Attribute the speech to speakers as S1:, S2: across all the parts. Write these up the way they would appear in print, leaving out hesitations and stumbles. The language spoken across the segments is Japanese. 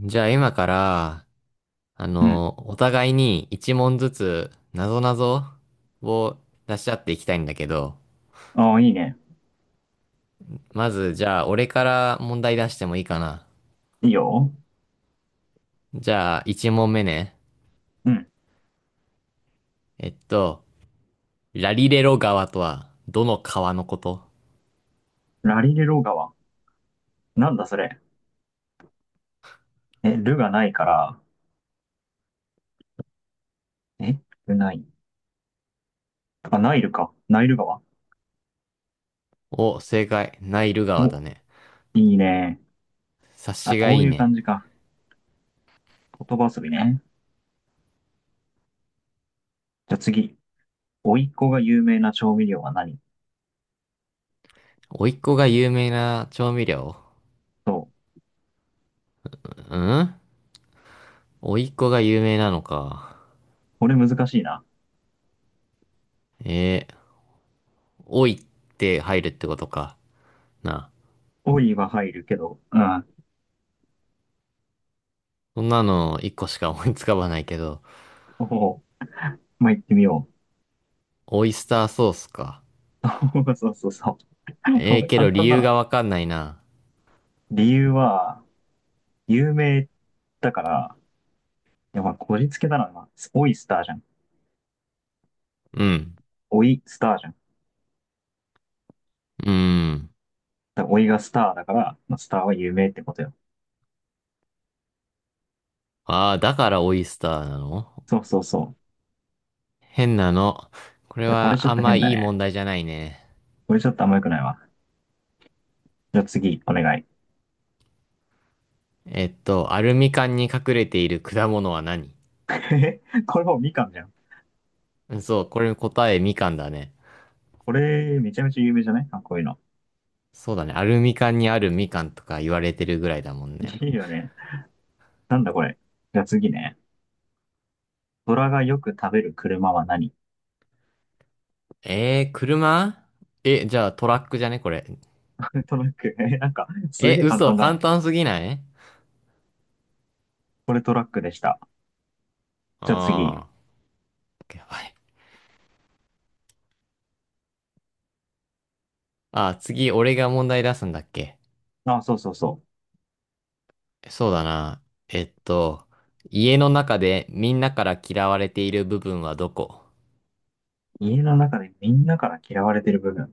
S1: じゃあ今から、
S2: うん。
S1: お互いに一問ずつ、なぞなぞを出し合っていきたいんだけど、
S2: ああ、いいね。
S1: まずじゃあ俺から問題出してもいいかな。
S2: いいよ。
S1: じゃあ一問目ね。
S2: うん。
S1: えっと、ラリレロ川とは、どの川のこと？
S2: ラリレロ川。なんだそれ。え、ルがないから、え、ルない。あ、ナイルか。ナイル川。
S1: お、正解。ナイル川だ
S2: お、
S1: ね。
S2: いいね。
S1: 察
S2: あ、
S1: しが
S2: こ
S1: い
S2: う
S1: い
S2: いう感
S1: ね。
S2: じか。言葉遊びね。じゃあ次。甥いっ子が有名な調味料は何？
S1: 甥っ子が有名な調味料？
S2: そう。
S1: うん、甥っ子が有名なのか。
S2: これ難しいな。
S1: えー、おいって入るってことか。なあ、
S2: おいは入るけど、うん。
S1: そんなの一個しか思いつかばないけど、
S2: おお、まあ、行ってみよ
S1: オイスターソースか。
S2: う。そうそうそう。こ
S1: ええー、
S2: れ
S1: け
S2: 簡
S1: ど理
S2: 単だ
S1: 由
S2: な。
S1: がわかんないな。
S2: 理由は、有名だから、いや、まあ、こじつけだな。まあオイスターじゃん。
S1: うん。
S2: オイスターじゃん。
S1: うーん。
S2: だからおいがスターだから、まあ、スターは有名ってことよ。
S1: ああ、だからオイスターなの？
S2: そうそうそう。
S1: 変なの。これ
S2: これち
S1: は
S2: ょっ
S1: あん
S2: と
S1: ま
S2: 変だ
S1: いい
S2: ね。
S1: 問題じゃないね。
S2: これちょっとあんま良くないわ。じゃあ次、お願い。
S1: アルミ缶に隠れている果物は何？
S2: え、これもうみかんじゃん。
S1: うん、そう、これ答えみかんだね。
S2: これ、めちゃめちゃ有名じゃない？あ、こういうの。
S1: そうだね。アルミ缶にあるみかんとか言われてるぐらいだもんね。
S2: いいよね。なんだこれ。じゃあ次ね。虎がよく食べる車は何？
S1: 車？え、じゃあトラックじゃねこれ。
S2: これトラック。え、なんか、す
S1: え、
S2: げえ簡
S1: 嘘、
S2: 単だな。
S1: 簡単すぎない？
S2: これトラックでした。じゃあ次。
S1: ああー。やばい。あ、次、俺が問題出すんだっけ？
S2: あ、そうそうそう。
S1: そうだな。えっと、家の中でみんなから嫌われている部分はどこ？
S2: 家の中でみんなから嫌われてる部分。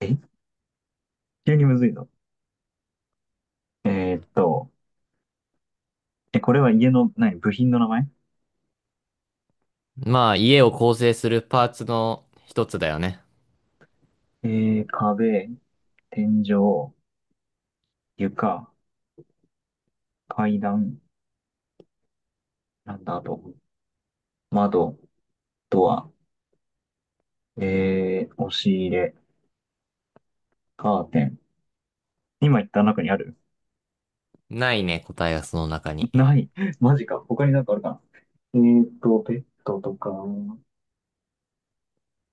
S2: え、急にむずいぞ。えーっと、え、これは家の、何、部品の名前？
S1: まあ、家を構成するパーツの一つだよね。
S2: 壁、天井、床、階段、なんだ、あと、窓、ドア、押し入れ、カーテン。今言った中にある？
S1: ないね、答えがその中 に。
S2: ない。マジか。他になんかあるかな？ベッドとか、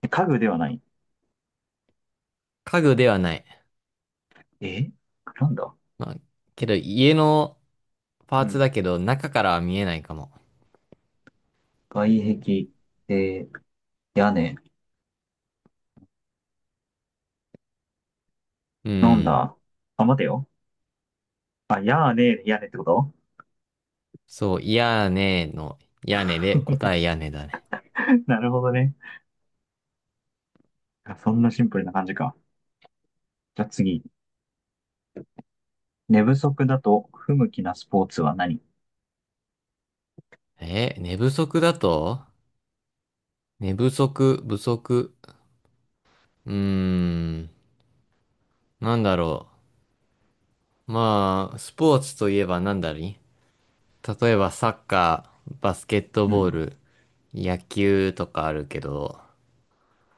S2: 家具ではない。
S1: 家具ではない。
S2: え、なんだ？
S1: まあ、けど家のパー
S2: う
S1: ツ
S2: ん。
S1: だけど中からは見えないかも。
S2: 外壁、えー、屋根。
S1: う
S2: なん
S1: ん。
S2: だ？あ、待てよ。あ、屋根屋根ってこと？
S1: そう、屋根の屋根で答え屋根だね。
S2: なるほどね。あ、そんなシンプルな感じか。じゃあ次。寝不足だと不向きなスポーツは何？
S1: え、寝不足だと、寝不足、不足。うーん。なんだろう。まあ、スポーツといえば何だり、例えばサッカー、バスケット
S2: う
S1: ボ
S2: ん。
S1: ール、野球とかあるけど、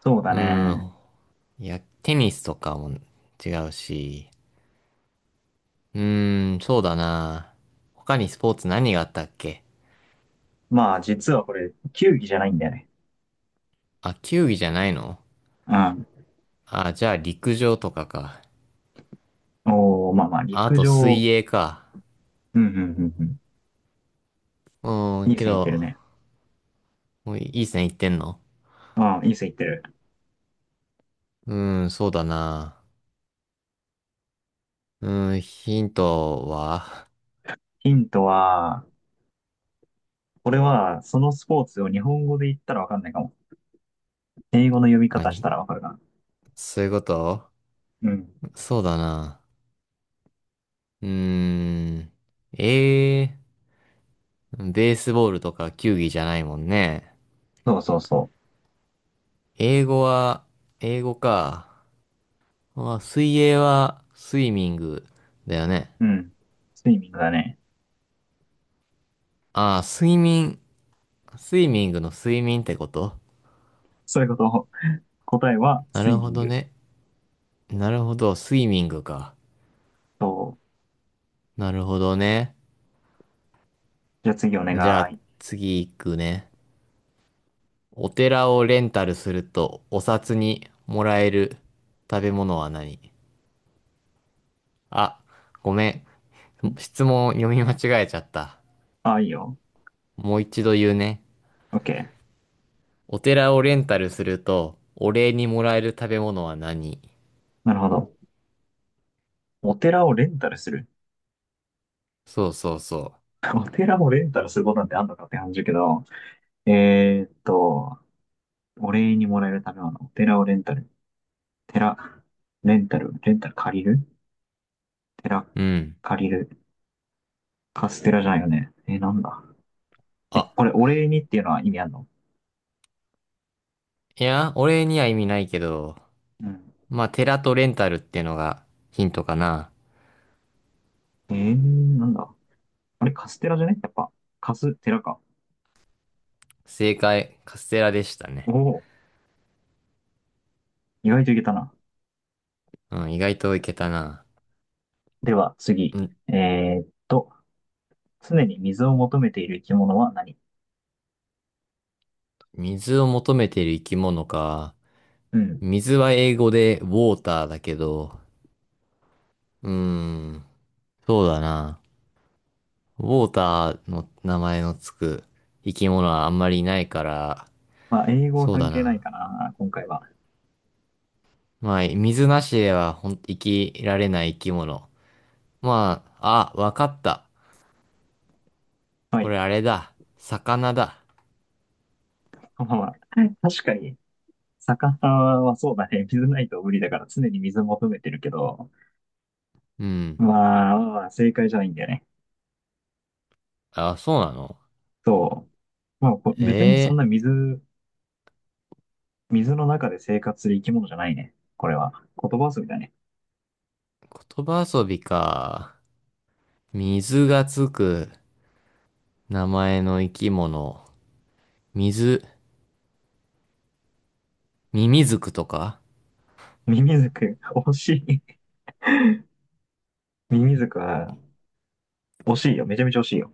S2: そうだ
S1: う
S2: ね。
S1: ん、いや、テニスとかも違うし、そうだな。他にスポーツ何があったっけ？
S2: まあ、実はこれ、球技じゃないんだよね。
S1: あ、球技じゃないの？
S2: うん。
S1: あ、じゃあ陸上とかか。
S2: おー、まあまあ、
S1: あ、あ
S2: 陸
S1: と
S2: 上。
S1: 水泳か。
S2: うん、うん、うん、うん。
S1: うん、
S2: いい
S1: け
S2: 線いってる
S1: ど、
S2: ね。
S1: もういい線いってんの？
S2: うん、いい線いってる。
S1: うん、そうだな。うん、ヒントは、
S2: ヒントは、これは、そのスポーツを日本語で言ったらわかんないかも。英語の読み
S1: あ
S2: 方し
S1: に、
S2: たらわかるか
S1: そういうこと？
S2: な。うん。
S1: そうだな。うーん。ええー、ベースボールとか球技じゃないもんね。
S2: そうそうそ
S1: 英語は、英語か。あ、水泳は、スイミングだよね。
S2: う。うん。スイミングだね。
S1: ああ、睡眠、スイミングの睡眠ってこと？
S2: そういうこと。答えは、
S1: な
S2: ス
S1: る
S2: イミ
S1: ほ
S2: ン
S1: ど
S2: グ。
S1: ね。なるほど、スイミングか。
S2: そう。
S1: なるほどね。
S2: じゃあ次お
S1: じゃあ、
S2: 願い。
S1: 次行くね。お寺をレンタルすると、お札にもらえる食べ物は何？あ、ごめん。
S2: ん。
S1: 質問読み間違えちゃった。
S2: あ、いいよ。
S1: もう一度言うね。
S2: OK。
S1: お寺をレンタルすると、お礼にもらえる食べ物は何？
S2: なるほど。お寺をレンタルする。
S1: そうそうそ
S2: お寺をレンタルすることなんてあんのかって感じだけど、えーっと、お礼にもらえるためは、あのお寺をレンタル。寺、レンタル、レンタル借りる寺、
S1: う。うん。
S2: 借りる。カステラじゃないよね。なんだ。
S1: あ、
S2: これ、お礼にっていうのは意味あるの？
S1: いや、お礼には意味ないけど、
S2: うん。
S1: まあ、寺とレンタルってのがヒントかな。
S2: なんだ。あれ、カステラじゃね？やっぱ、カステラか。
S1: 正解、カステラでした
S2: お
S1: ね。
S2: お、意外といけたな。
S1: うん、意外といけたな。
S2: では、
S1: う
S2: 次。
S1: ん、
S2: えーっと、常に水を求めている生き物は何？
S1: 水を求めている生き物か。
S2: うん。
S1: 水は英語でウォーターだけど、うーん、そうだな。ウォーターの名前のつく生き物はあんまりいないから、
S2: まあ、英語は
S1: そう
S2: 関
S1: だ
S2: 係ない
S1: な。
S2: かな、今回は。
S1: まあ、水なしではほん、生きられない生き物。まあ、あ、わかった。
S2: は
S1: こ
S2: い。
S1: れあれだ。魚だ。
S2: まあまあ、確かに魚はそうだね。水ないと無理だから常に水求めてるけど、
S1: うん。
S2: まあ、まあ正解じゃないんだよね。
S1: あ、そうなの？
S2: そう。まあ、別にそん
S1: ええ
S2: な水、水の中で生活する生き物じゃないね。これは。言葉遊びだね。
S1: ー、言葉遊びか。水がつく名前の生き物。水、ミミズクとか、
S2: ミミズク、惜しい。ミミズクは、惜しいよ。めちゃめちゃ惜しいよ。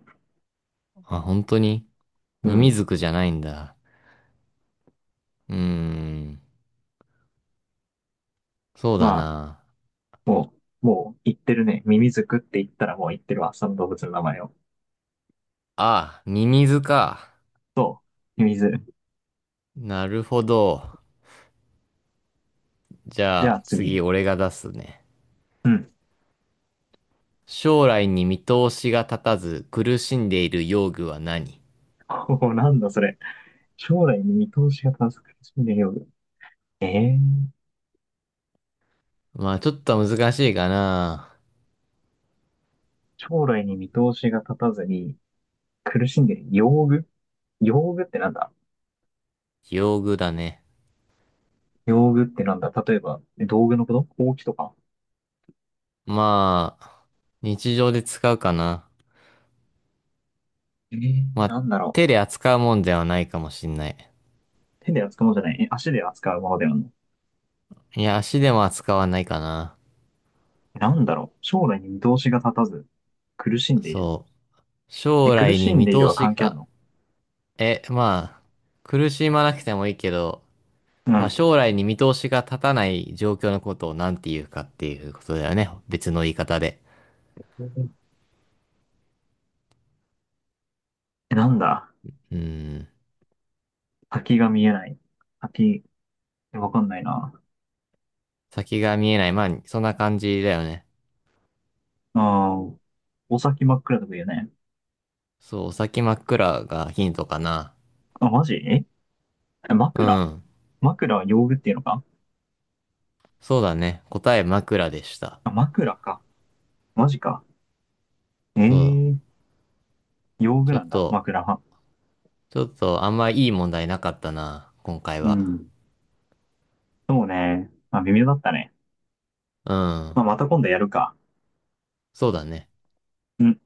S1: あ、本当に
S2: う
S1: ミミ
S2: ん。
S1: ズクじゃないんだ。うーん、そうだ
S2: まあ、
S1: な。
S2: ももう言ってるね。ミミズクって言ったらもう言ってるわ。その動物の名前を。
S1: あ、ミミズか。
S2: そう。ミミズ。
S1: なるほど。じ
S2: じゃ
S1: ゃ
S2: あ
S1: あ、次
S2: 次。
S1: 俺が出すね。
S2: うん。
S1: 将来に見通しが立たず苦しんでいる用具は何？
S2: おお、なんだそれ。将来の見通しが難しいね、よ。ええ。
S1: まあ、ちょっと難しいかな。
S2: 将来に見通しが立たずに苦しんでる。用具。用具ってなんだ？
S1: 用具だね。
S2: 用具ってなんだ、例えば、え、道具のこと、ほうきとか？
S1: まあ、日常で使うかな。
S2: ええ、
S1: まあ、
S2: なんだろ
S1: 手で扱うもんではないかもしんない。
S2: う。手で扱うものじゃない？え、足で扱うものであるの？
S1: いや、足でも扱わないかな。
S2: え、なんだろう。将来に見通しが立たず苦しんでいる。
S1: そう。
S2: え、
S1: 将
S2: 苦
S1: 来
S2: し
S1: に
S2: ん
S1: 見
S2: でいる
S1: 通
S2: は
S1: し
S2: 関係ある
S1: が、
S2: の？
S1: え、まあ、苦しまなくてもいいけど、
S2: う
S1: まあ、
S2: ん。
S1: 将来に見通しが立たない状況のことを何て言うかっていうことだよね。別の言い方で。
S2: え、なんだ。
S1: うん。
S2: 先が見えない。先、え、わかんないな。
S1: 先が見えない。まあ、そんな感じだよね。
S2: ああ、お先真っ暗とか言うね。
S1: そう、お先真っ暗がヒントかな。
S2: あ、マジ？ええ、
S1: う
S2: 枕？
S1: ん。
S2: 枕は用具っていうのか？
S1: そうだね。答え枕でした。
S2: あ、枕か。マジか。
S1: そう。
S2: ええ、用具
S1: ちょっ
S2: なんだ、
S1: と、
S2: 枕は。
S1: ちょっとあんまいい問題なかったな。今回
S2: う
S1: は。
S2: ん。そうね。まあ、微妙だったね。
S1: うん。
S2: まあ、また今度やるか。
S1: そうだね。
S2: うん。